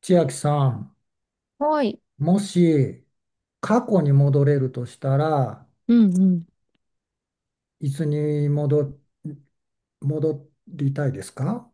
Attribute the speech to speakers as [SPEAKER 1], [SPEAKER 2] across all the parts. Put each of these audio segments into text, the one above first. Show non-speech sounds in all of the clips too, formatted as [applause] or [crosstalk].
[SPEAKER 1] 千秋さん、
[SPEAKER 2] はい。
[SPEAKER 1] もし過去に戻れるとしたら、
[SPEAKER 2] うんうん。
[SPEAKER 1] いつに戻、戻りたいですか？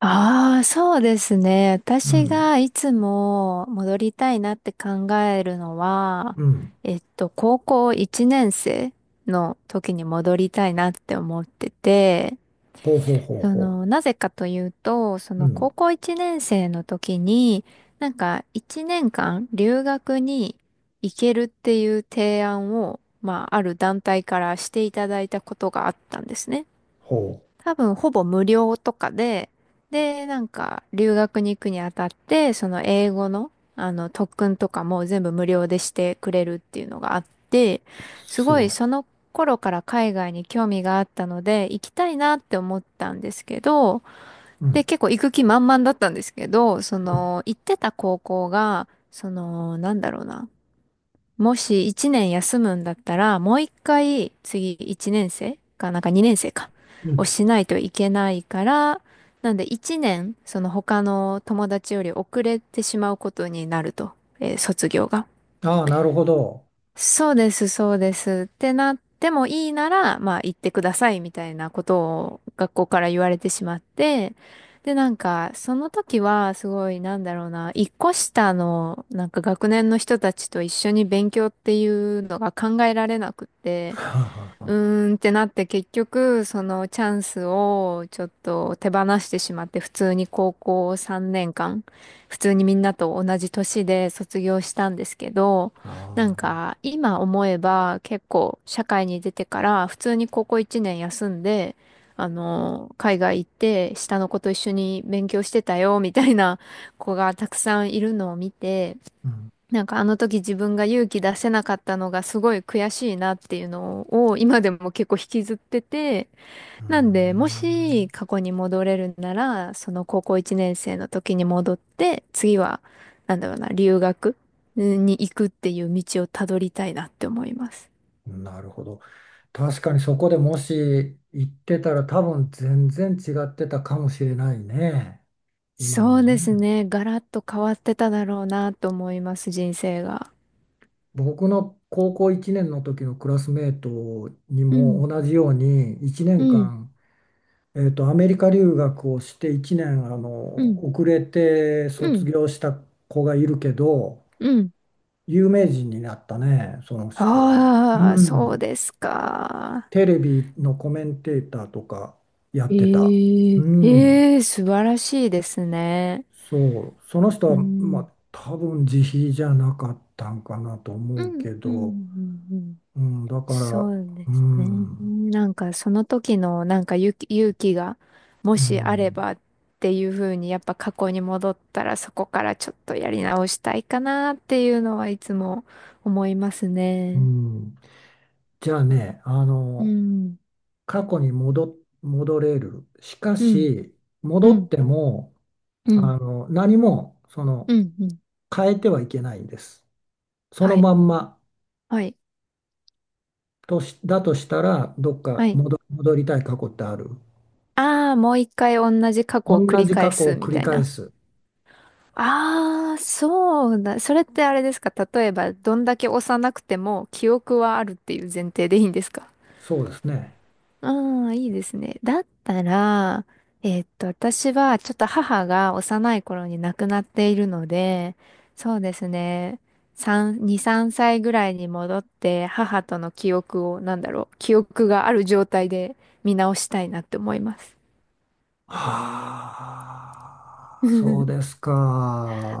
[SPEAKER 2] ああ、そうですね。
[SPEAKER 1] う
[SPEAKER 2] 私
[SPEAKER 1] ん、
[SPEAKER 2] がいつも戻りたいなって考えるのは、
[SPEAKER 1] うん、
[SPEAKER 2] 高校1年生の時に戻りたいなって思ってて、
[SPEAKER 1] ほうほうほう
[SPEAKER 2] そ
[SPEAKER 1] ほ
[SPEAKER 2] の、なぜかというと、そ
[SPEAKER 1] う、う
[SPEAKER 2] の高
[SPEAKER 1] ん、
[SPEAKER 2] 校1年生の時に、なんか1年間留学に行けるっていう提案を、まあ、ある団体からしていただいたことがあったんですね。
[SPEAKER 1] ほ
[SPEAKER 2] 多分ほぼ無料とかで、で、なんか留学に行くにあたって、その英語の、特訓とかも全部無料でしてくれるっていうのがあって、
[SPEAKER 1] う、
[SPEAKER 2] す
[SPEAKER 1] す
[SPEAKER 2] ごい
[SPEAKER 1] ごい。
[SPEAKER 2] その頃から海外に興味があったので、行きたいなって思ったんですけど、
[SPEAKER 1] う
[SPEAKER 2] で、
[SPEAKER 1] ん、
[SPEAKER 2] 結構行く気満々だったんですけど、そ
[SPEAKER 1] うん、
[SPEAKER 2] の行ってた高校が、その、なんだろうな。もし1年休むんだったら、もう一回次1年生か、なんか2年生か、
[SPEAKER 1] う
[SPEAKER 2] を
[SPEAKER 1] ん。
[SPEAKER 2] しないといけないから、なんで1年、その他の友達より遅れてしまうことになると。卒業が。
[SPEAKER 1] ああ、なるほど。
[SPEAKER 2] そうです、そうです。ってなってもいいなら、まあ行ってくださいみたいなことを学校から言われてしまって、で、なんか、その時はすごい、なんだろうな、一個下の、なんか学年の人たちと一緒に勉強っていうのが考えられなくて、
[SPEAKER 1] はあ、はあ
[SPEAKER 2] う
[SPEAKER 1] は [laughs]
[SPEAKER 2] ーんってなって結局そのチャンスをちょっと手放してしまって普通に高校3年間普通にみんなと同じ年で卒業したんですけど、なん
[SPEAKER 1] あ、
[SPEAKER 2] か今思えば結構社会に出てから普通に高校1年休んで海外行って下の子と一緒に勉強してたよみたいな子がたくさんいるのを見て、
[SPEAKER 1] うん、
[SPEAKER 2] なんかあの時自分が勇気出せなかったのがすごい悔しいなっていうのを今でも結構引きずってて、
[SPEAKER 1] う
[SPEAKER 2] なんでも
[SPEAKER 1] ー
[SPEAKER 2] し過去に戻れるなら、その高校1年生の時に戻って、次は、なんだろうな、留学に行くっていう道をたどりたいなって思います。
[SPEAKER 1] ん、なるほど。確かにそこでもし行ってたら多分全然違ってたかもしれないね。今
[SPEAKER 2] そ
[SPEAKER 1] の
[SPEAKER 2] うです
[SPEAKER 1] ね。
[SPEAKER 2] ね。ガラッと変わってただろうなと思います、人生が。
[SPEAKER 1] 僕の高校1年の時のクラスメートに
[SPEAKER 2] う
[SPEAKER 1] も
[SPEAKER 2] ん、
[SPEAKER 1] 同じように1
[SPEAKER 2] う
[SPEAKER 1] 年
[SPEAKER 2] ん、
[SPEAKER 1] 間、アメリカ留学をして1年
[SPEAKER 2] うん、
[SPEAKER 1] 遅れて
[SPEAKER 2] う
[SPEAKER 1] 卒
[SPEAKER 2] ん、
[SPEAKER 1] 業した子がいるけど、
[SPEAKER 2] うん。
[SPEAKER 1] 有名人になったね、その人は。
[SPEAKER 2] ああ、
[SPEAKER 1] う
[SPEAKER 2] そう
[SPEAKER 1] ん、
[SPEAKER 2] ですか。
[SPEAKER 1] テレビのコメンテーターとかやってた。
[SPEAKER 2] え
[SPEAKER 1] う
[SPEAKER 2] え
[SPEAKER 1] ん、
[SPEAKER 2] ええ素晴らしいですね。
[SPEAKER 1] そう、その人
[SPEAKER 2] う
[SPEAKER 1] は、ま
[SPEAKER 2] ん。
[SPEAKER 1] あ、多分自費じゃなかったんかなと
[SPEAKER 2] う
[SPEAKER 1] 思う
[SPEAKER 2] ん、
[SPEAKER 1] け
[SPEAKER 2] うん、う
[SPEAKER 1] ど、
[SPEAKER 2] ん、うん。
[SPEAKER 1] うん、だから、
[SPEAKER 2] そう
[SPEAKER 1] う
[SPEAKER 2] ですね。
[SPEAKER 1] ん。
[SPEAKER 2] なんかその時のなんか勇気がも
[SPEAKER 1] う
[SPEAKER 2] しあれ
[SPEAKER 1] ん、
[SPEAKER 2] ばっていう風にやっぱ過去に戻ったらそこからちょっとやり直したいかなっていうのはいつも思います
[SPEAKER 1] う
[SPEAKER 2] ね。
[SPEAKER 1] ん、じゃあね、
[SPEAKER 2] うん、
[SPEAKER 1] 過去に戻、戻れる。しか
[SPEAKER 2] うん、
[SPEAKER 1] し、
[SPEAKER 2] う
[SPEAKER 1] 戻っ
[SPEAKER 2] ん、
[SPEAKER 1] ても、
[SPEAKER 2] うん、
[SPEAKER 1] 何も、
[SPEAKER 2] うん、うん。
[SPEAKER 1] 変えてはいけないんです。その
[SPEAKER 2] はい、
[SPEAKER 1] まんま
[SPEAKER 2] はい、
[SPEAKER 1] だとしたら、どっ
[SPEAKER 2] は
[SPEAKER 1] か
[SPEAKER 2] い。
[SPEAKER 1] 戻、戻りたい過去ってある？
[SPEAKER 2] ああ、もう一回同じ過去を繰
[SPEAKER 1] 同
[SPEAKER 2] り
[SPEAKER 1] じ
[SPEAKER 2] 返
[SPEAKER 1] 過去を
[SPEAKER 2] すみ
[SPEAKER 1] 繰
[SPEAKER 2] た
[SPEAKER 1] り
[SPEAKER 2] い
[SPEAKER 1] 返
[SPEAKER 2] な。
[SPEAKER 1] す。
[SPEAKER 2] ああ、そうだ。それってあれですか？例えば、どんだけ幼くても記憶はあるっていう前提でいいんですか？
[SPEAKER 1] そうですね。
[SPEAKER 2] ああ、いいですね。だったら、私はちょっと母が幼い頃に亡くなっているので、そうですね。3、2、3歳ぐらいに戻って、母との記憶を、なんだろう、記憶がある状態で見直したいなって思います。
[SPEAKER 1] はあ、そうで
[SPEAKER 2] [laughs]
[SPEAKER 1] す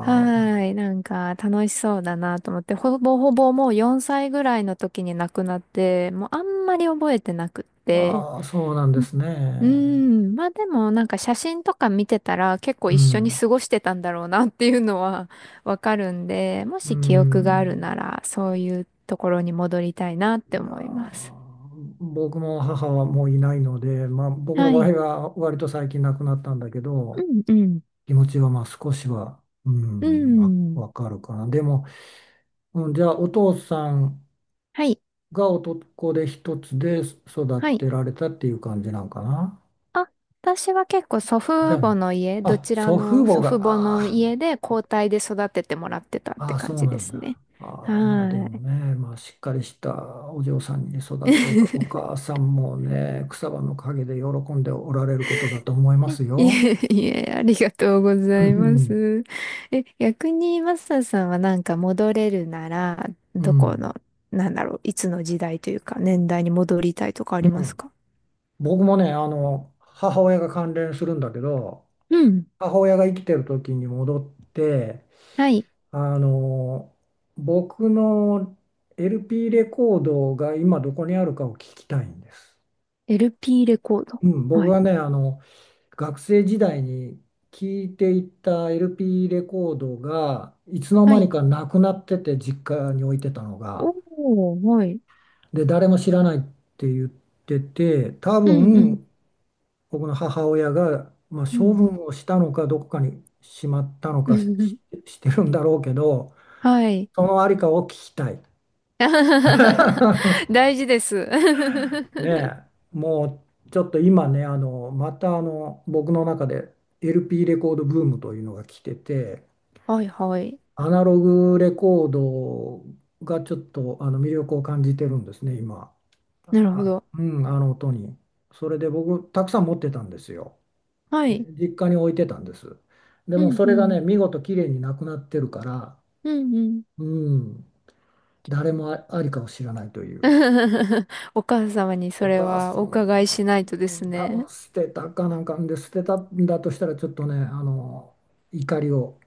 [SPEAKER 2] はーい。なんか楽しそうだなと思って、ほぼほぼもう4歳ぐらいの時に亡くなって、もうあんまり覚えてなくって。
[SPEAKER 1] ああ、そうなんで
[SPEAKER 2] うう
[SPEAKER 1] す
[SPEAKER 2] ー
[SPEAKER 1] ね。
[SPEAKER 2] ん。まあでもなんか写真とか見てたら結構
[SPEAKER 1] う
[SPEAKER 2] 一緒に
[SPEAKER 1] ん、
[SPEAKER 2] 過ごしてたんだろうなっていうのは [laughs] わかるんで、も
[SPEAKER 1] う
[SPEAKER 2] し記憶がある
[SPEAKER 1] ん。
[SPEAKER 2] ならそういうところに戻りたいなって
[SPEAKER 1] いや
[SPEAKER 2] 思います。
[SPEAKER 1] ー、僕も母はもういないので、まあ、僕の
[SPEAKER 2] は
[SPEAKER 1] 場合
[SPEAKER 2] い。
[SPEAKER 1] は割と最近亡くなったんだけど、
[SPEAKER 2] うんうん。
[SPEAKER 1] 気持ちはまあ少しは、う
[SPEAKER 2] う
[SPEAKER 1] ん、
[SPEAKER 2] ん。
[SPEAKER 1] わかるかな。でも、うん、じゃあお父さん
[SPEAKER 2] はい。
[SPEAKER 1] が男で一つで育
[SPEAKER 2] はい。
[SPEAKER 1] てられたっていう感じなんかな？
[SPEAKER 2] あ、私は結構祖
[SPEAKER 1] じゃ
[SPEAKER 2] 父母の家、
[SPEAKER 1] あ、
[SPEAKER 2] ど
[SPEAKER 1] あ、
[SPEAKER 2] ちら
[SPEAKER 1] 祖父
[SPEAKER 2] の
[SPEAKER 1] 母
[SPEAKER 2] 祖
[SPEAKER 1] が、
[SPEAKER 2] 父母の
[SPEAKER 1] あ
[SPEAKER 2] 家で交代で育ててもらってたっ
[SPEAKER 1] あ
[SPEAKER 2] て
[SPEAKER 1] あ、
[SPEAKER 2] 感
[SPEAKER 1] そう
[SPEAKER 2] じ
[SPEAKER 1] な
[SPEAKER 2] で
[SPEAKER 1] ん
[SPEAKER 2] す
[SPEAKER 1] だ。
[SPEAKER 2] ね。は
[SPEAKER 1] ああ、まあでも
[SPEAKER 2] ーい。
[SPEAKER 1] ね、まあしっかりしたお嬢さんにね育ってお
[SPEAKER 2] [laughs]
[SPEAKER 1] 母さんもね、草葉の陰で喜んでおられることだと思います
[SPEAKER 2] い
[SPEAKER 1] よ。
[SPEAKER 2] えいえ、ありがとうご
[SPEAKER 1] う
[SPEAKER 2] ざいま
[SPEAKER 1] ん
[SPEAKER 2] す。え、逆にマスターさんはなんか戻れるなら、
[SPEAKER 1] う
[SPEAKER 2] どこ
[SPEAKER 1] ん。
[SPEAKER 2] の、なんだろう、いつの時代というか年代に戻りたいとかあり
[SPEAKER 1] う
[SPEAKER 2] ます
[SPEAKER 1] ん、
[SPEAKER 2] か？
[SPEAKER 1] 僕もね、母親が関連するんだけど、
[SPEAKER 2] うん。
[SPEAKER 1] 母親が生きてる時に戻って、
[SPEAKER 2] はい。
[SPEAKER 1] あの、僕の LP レコードが今どこにあるかを聞きたいんです。
[SPEAKER 2] LP レコード。
[SPEAKER 1] うん、僕
[SPEAKER 2] はい。
[SPEAKER 1] がね、学生時代に聞いていた LP レコードがいつの
[SPEAKER 2] は
[SPEAKER 1] 間に
[SPEAKER 2] い。
[SPEAKER 1] かなくなってて実家に置いてたのが、
[SPEAKER 2] おー、はい。
[SPEAKER 1] で誰も知らないって言ってて、多
[SPEAKER 2] うんうん。
[SPEAKER 1] 分僕の母親が、まあ、処分をしたのかどこかにしまったの
[SPEAKER 2] う
[SPEAKER 1] か
[SPEAKER 2] ん。
[SPEAKER 1] してるんだろうけど、
[SPEAKER 2] [laughs] はい。
[SPEAKER 1] そのありかを聞きたい。
[SPEAKER 2] [laughs]
[SPEAKER 1] [laughs]
[SPEAKER 2] 大事です。[laughs]
[SPEAKER 1] ねえ、もうちょっと今ね、また僕の中で LP レコードブームというのが来てて。
[SPEAKER 2] はいはい。
[SPEAKER 1] アナログレコードがちょっと魅力を感じてるんですね、今。
[SPEAKER 2] なるほ
[SPEAKER 1] あ、
[SPEAKER 2] ど。
[SPEAKER 1] うん、あの音に。それで僕、たくさん持ってたんですよ。
[SPEAKER 2] は
[SPEAKER 1] で
[SPEAKER 2] い。
[SPEAKER 1] 実家に置いてたんです。で
[SPEAKER 2] う
[SPEAKER 1] も
[SPEAKER 2] ん
[SPEAKER 1] そ
[SPEAKER 2] う
[SPEAKER 1] れが
[SPEAKER 2] ん。
[SPEAKER 1] ね、見事綺麗になくなってるから、
[SPEAKER 2] うんうん。
[SPEAKER 1] うん、誰もありかを知らないという。
[SPEAKER 2] [laughs] お母様にそ
[SPEAKER 1] お
[SPEAKER 2] れ
[SPEAKER 1] 母
[SPEAKER 2] は
[SPEAKER 1] さ
[SPEAKER 2] お
[SPEAKER 1] ん、
[SPEAKER 2] 伺いしないとで
[SPEAKER 1] う
[SPEAKER 2] す
[SPEAKER 1] ん、多分
[SPEAKER 2] ね。
[SPEAKER 1] 捨てたかなんかで捨てたんだとしたら、ちょっとね、怒りを、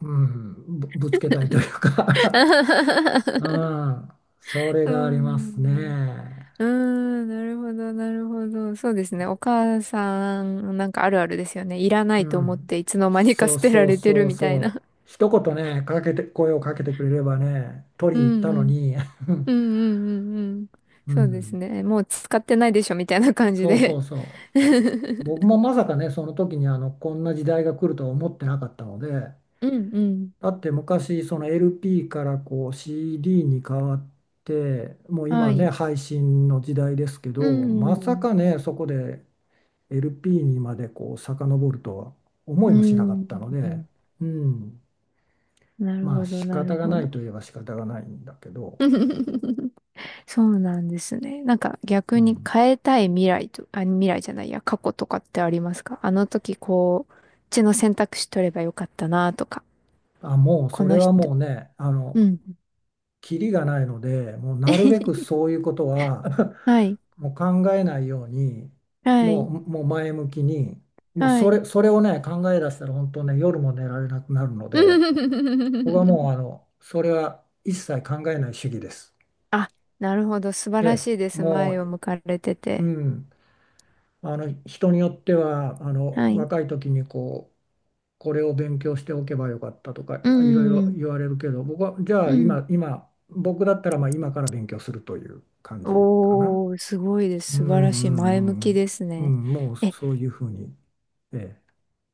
[SPEAKER 1] うん、ぶつけたいというか、
[SPEAKER 2] [laughs]
[SPEAKER 1] うん、それ
[SPEAKER 2] う
[SPEAKER 1] があります
[SPEAKER 2] ん。
[SPEAKER 1] ね。
[SPEAKER 2] うん、なるほど、なるほど。そうですね。お母さん、なんかあるあるですよね。いらな
[SPEAKER 1] う
[SPEAKER 2] いと思っ
[SPEAKER 1] ん、
[SPEAKER 2] ていつの間にか
[SPEAKER 1] そう
[SPEAKER 2] 捨てら
[SPEAKER 1] そう
[SPEAKER 2] れてる
[SPEAKER 1] そう
[SPEAKER 2] みた
[SPEAKER 1] そ
[SPEAKER 2] い
[SPEAKER 1] う。
[SPEAKER 2] な。
[SPEAKER 1] 一言ね、かけて、声をかけてくれればね、取
[SPEAKER 2] う
[SPEAKER 1] りに
[SPEAKER 2] ん
[SPEAKER 1] 行った
[SPEAKER 2] う
[SPEAKER 1] の
[SPEAKER 2] ん。
[SPEAKER 1] に、[laughs]
[SPEAKER 2] うんうんうんうん。
[SPEAKER 1] う
[SPEAKER 2] そうです
[SPEAKER 1] ん、
[SPEAKER 2] ね。もう使ってないでしょみたいな感じ
[SPEAKER 1] そうそ
[SPEAKER 2] で
[SPEAKER 1] うそ
[SPEAKER 2] [laughs]
[SPEAKER 1] う。僕もまさかね、その時にこんな時代が来るとは思ってなかったので、
[SPEAKER 2] うんうん。
[SPEAKER 1] だって昔、その LP からこう CD に変わって、もう
[SPEAKER 2] は
[SPEAKER 1] 今ね、
[SPEAKER 2] い。
[SPEAKER 1] 配信の時代ですけ
[SPEAKER 2] う
[SPEAKER 1] ど、まさ
[SPEAKER 2] ん。
[SPEAKER 1] かね、そこで LP にまでこう遡るとは思
[SPEAKER 2] う
[SPEAKER 1] いもしなかったので、
[SPEAKER 2] ん。
[SPEAKER 1] うん、
[SPEAKER 2] なる
[SPEAKER 1] まあ
[SPEAKER 2] ほど、
[SPEAKER 1] 仕
[SPEAKER 2] な
[SPEAKER 1] 方
[SPEAKER 2] る
[SPEAKER 1] が
[SPEAKER 2] ほ
[SPEAKER 1] な
[SPEAKER 2] ど。
[SPEAKER 1] いといえば仕方がないんだけど、
[SPEAKER 2] [laughs] そうなんですね。なんか
[SPEAKER 1] う
[SPEAKER 2] 逆に
[SPEAKER 1] ん、
[SPEAKER 2] 変えたい未来と、あ、未来じゃないや、過去とかってありますか？あの時こう、こっちの選択肢取ればよかったなとか、
[SPEAKER 1] あ、もう
[SPEAKER 2] こ
[SPEAKER 1] それ
[SPEAKER 2] の
[SPEAKER 1] は
[SPEAKER 2] 人。
[SPEAKER 1] もうね、
[SPEAKER 2] うん。
[SPEAKER 1] キリがないので、もうなるべく
[SPEAKER 2] [laughs]
[SPEAKER 1] そういうことは
[SPEAKER 2] はい、
[SPEAKER 1] [laughs] もう考えないように、
[SPEAKER 2] は
[SPEAKER 1] も
[SPEAKER 2] い、
[SPEAKER 1] う、もう前向きに、もう
[SPEAKER 2] はい。
[SPEAKER 1] それをね、考え出したら本当ね、夜も寝られなくなるので、僕はも
[SPEAKER 2] [laughs]
[SPEAKER 1] うそれは一切考えない主義です。
[SPEAKER 2] あ、なるほど。素晴
[SPEAKER 1] え
[SPEAKER 2] らし
[SPEAKER 1] え、
[SPEAKER 2] いです。
[SPEAKER 1] も
[SPEAKER 2] 前を向かれて
[SPEAKER 1] う、う
[SPEAKER 2] て。
[SPEAKER 1] ん。あの人によっては
[SPEAKER 2] はい。
[SPEAKER 1] 若い時にこうこれを勉強しておけばよかったとか
[SPEAKER 2] う
[SPEAKER 1] いろいろ
[SPEAKER 2] ん、
[SPEAKER 1] 言われるけど、僕はじゃ
[SPEAKER 2] う
[SPEAKER 1] あ
[SPEAKER 2] ん。
[SPEAKER 1] 今、僕だったらまあ今から勉強するという感じかな。
[SPEAKER 2] おー、すごいです。
[SPEAKER 1] う
[SPEAKER 2] 素晴らしい。
[SPEAKER 1] んう
[SPEAKER 2] 前向き
[SPEAKER 1] ん
[SPEAKER 2] です
[SPEAKER 1] うんうん、う
[SPEAKER 2] ね。
[SPEAKER 1] ん、もう
[SPEAKER 2] え、
[SPEAKER 1] そういうふうに。ええ、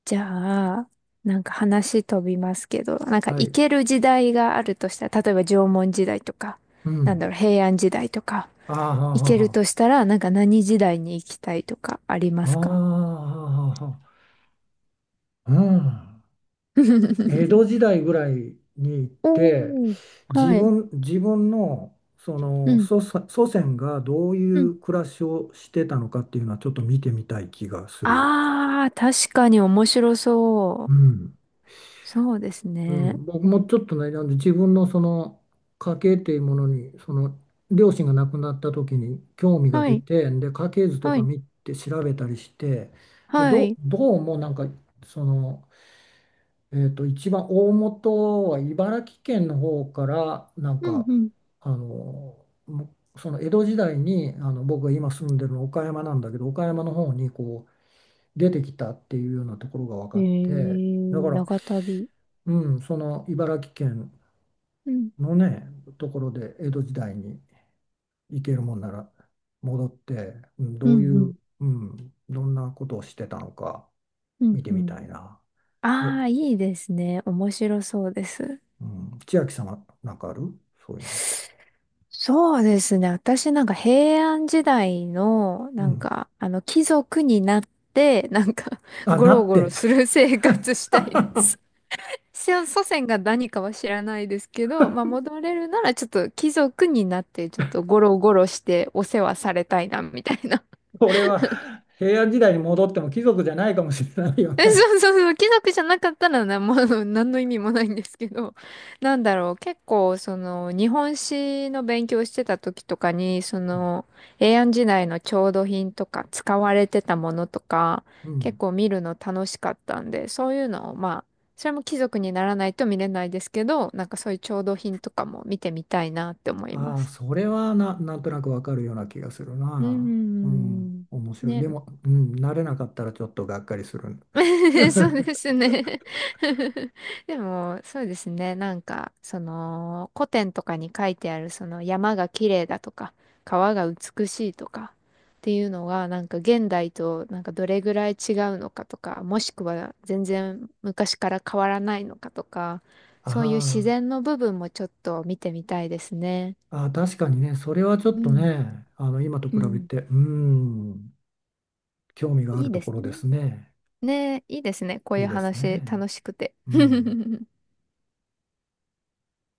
[SPEAKER 2] じゃあ、なんか話飛びますけど、なんか
[SPEAKER 1] は
[SPEAKER 2] 行
[SPEAKER 1] い。
[SPEAKER 2] ける時代があるとしたら、例えば縄文時代とか、
[SPEAKER 1] う
[SPEAKER 2] なん
[SPEAKER 1] ん。
[SPEAKER 2] だろう、平安時代とか、
[SPEAKER 1] ああはあ
[SPEAKER 2] 行
[SPEAKER 1] はあ
[SPEAKER 2] ける
[SPEAKER 1] は
[SPEAKER 2] としたら、なんか何時代に行きたいとかありま
[SPEAKER 1] あ。あ
[SPEAKER 2] す
[SPEAKER 1] あは
[SPEAKER 2] か？
[SPEAKER 1] あはあはうん。江
[SPEAKER 2] [laughs]
[SPEAKER 1] 戸時代ぐらいに行って、
[SPEAKER 2] おー、はい。
[SPEAKER 1] 自分の、そ
[SPEAKER 2] う
[SPEAKER 1] の
[SPEAKER 2] ん、
[SPEAKER 1] 祖先がどうい
[SPEAKER 2] うん。
[SPEAKER 1] う暮らしをしてたのかっていうのはちょっと見てみたい気がする。
[SPEAKER 2] あー、確かに面白そ
[SPEAKER 1] う
[SPEAKER 2] う。
[SPEAKER 1] ん。
[SPEAKER 2] そうです
[SPEAKER 1] う
[SPEAKER 2] ね。
[SPEAKER 1] ん、僕もちょっとね、なんで自分のその家系っていうものに、その両親が亡くなった時に興味が
[SPEAKER 2] は
[SPEAKER 1] 出
[SPEAKER 2] い、
[SPEAKER 1] て、で家系図と
[SPEAKER 2] は
[SPEAKER 1] か
[SPEAKER 2] い、
[SPEAKER 1] 見て調べたりして、で
[SPEAKER 2] はい。
[SPEAKER 1] どうもなんか、その一番大本は茨城県の方からなん
[SPEAKER 2] うん、
[SPEAKER 1] か
[SPEAKER 2] うん。
[SPEAKER 1] あのもその江戸時代に僕が今住んでるの岡山なんだけど、岡山の方にこう出てきたっていうようなところが分
[SPEAKER 2] え
[SPEAKER 1] かって、だか
[SPEAKER 2] ー、
[SPEAKER 1] ら、
[SPEAKER 2] 長旅。
[SPEAKER 1] うん、その茨城県
[SPEAKER 2] うん、
[SPEAKER 1] のねところで江戸時代に行けるもんなら戻って、うん、
[SPEAKER 2] うん、
[SPEAKER 1] どうい
[SPEAKER 2] う
[SPEAKER 1] う、
[SPEAKER 2] ん、
[SPEAKER 1] うん、どんなことをしてたのか
[SPEAKER 2] う
[SPEAKER 1] 見
[SPEAKER 2] ん、
[SPEAKER 1] て
[SPEAKER 2] う
[SPEAKER 1] み
[SPEAKER 2] ん。
[SPEAKER 1] たいな。え、
[SPEAKER 2] ああ、いいですね。面白そうです。
[SPEAKER 1] うん、千秋さんはなんかある、そういうのって？
[SPEAKER 2] そうですね。私なんか平安時代の、
[SPEAKER 1] う
[SPEAKER 2] なん
[SPEAKER 1] ん、
[SPEAKER 2] か、貴族になって、なんか、
[SPEAKER 1] あ、
[SPEAKER 2] ゴ
[SPEAKER 1] な
[SPEAKER 2] ロ
[SPEAKER 1] っ
[SPEAKER 2] ゴロ
[SPEAKER 1] て。
[SPEAKER 2] する生活したいです。
[SPEAKER 1] [laughs]
[SPEAKER 2] 先祖先が何かは知らないですけど、まあ、戻れるならちょっと貴族になって、ちょっとゴロゴロしてお世話されたいな、みたいな。
[SPEAKER 1] これは平安時代に戻っても貴族じゃないかもしれないよ
[SPEAKER 2] [laughs] え、
[SPEAKER 1] ね。
[SPEAKER 2] そうそうそう、貴族じゃなかったらな、もう何の意味もないんですけど、[laughs] なんだろう、結構、その、日本史の勉強してた時とかに、
[SPEAKER 1] う
[SPEAKER 2] そ
[SPEAKER 1] ん。
[SPEAKER 2] の、平安時代の調度品とか、使われてたものとか、
[SPEAKER 1] う
[SPEAKER 2] 結
[SPEAKER 1] ん、
[SPEAKER 2] 構見るの楽しかったんで、そういうのを、まあ、それも貴族にならないと見れないですけど、なんかそういう調度品とかも見てみたいなって思いま
[SPEAKER 1] ああ、
[SPEAKER 2] す。
[SPEAKER 1] それはな、なんとなくわかるような気がする
[SPEAKER 2] うー
[SPEAKER 1] な。うん。
[SPEAKER 2] ん。
[SPEAKER 1] 面白い。
[SPEAKER 2] ね。
[SPEAKER 1] でも、うん、慣れなかったらちょっとがっかりする。
[SPEAKER 2] [laughs] そうで
[SPEAKER 1] [laughs]
[SPEAKER 2] すね。 [laughs] でも、そうですね。なんか、その、古典とかに書いてある、その、山が綺麗だとか、川が美しいとか、っていうのが、なんか、現代と、なんか、どれぐらい違うのかとか、もしくは、全然昔から変わらないのかとか、そういう
[SPEAKER 1] あ
[SPEAKER 2] 自然の部分もちょっと見てみたいですね。
[SPEAKER 1] あ、ああ、確かにね、それはちょっ
[SPEAKER 2] う
[SPEAKER 1] と
[SPEAKER 2] ん。
[SPEAKER 1] ね、今と
[SPEAKER 2] う
[SPEAKER 1] 比べ
[SPEAKER 2] ん。
[SPEAKER 1] て、うん、興味があ
[SPEAKER 2] い
[SPEAKER 1] る
[SPEAKER 2] い
[SPEAKER 1] と
[SPEAKER 2] で
[SPEAKER 1] こ
[SPEAKER 2] す
[SPEAKER 1] ろで
[SPEAKER 2] ね。
[SPEAKER 1] すね。
[SPEAKER 2] ねえ、いいですね。こう
[SPEAKER 1] い
[SPEAKER 2] い
[SPEAKER 1] い
[SPEAKER 2] う
[SPEAKER 1] です
[SPEAKER 2] 話、
[SPEAKER 1] ね。
[SPEAKER 2] 楽しくて。
[SPEAKER 1] うん。
[SPEAKER 2] [laughs]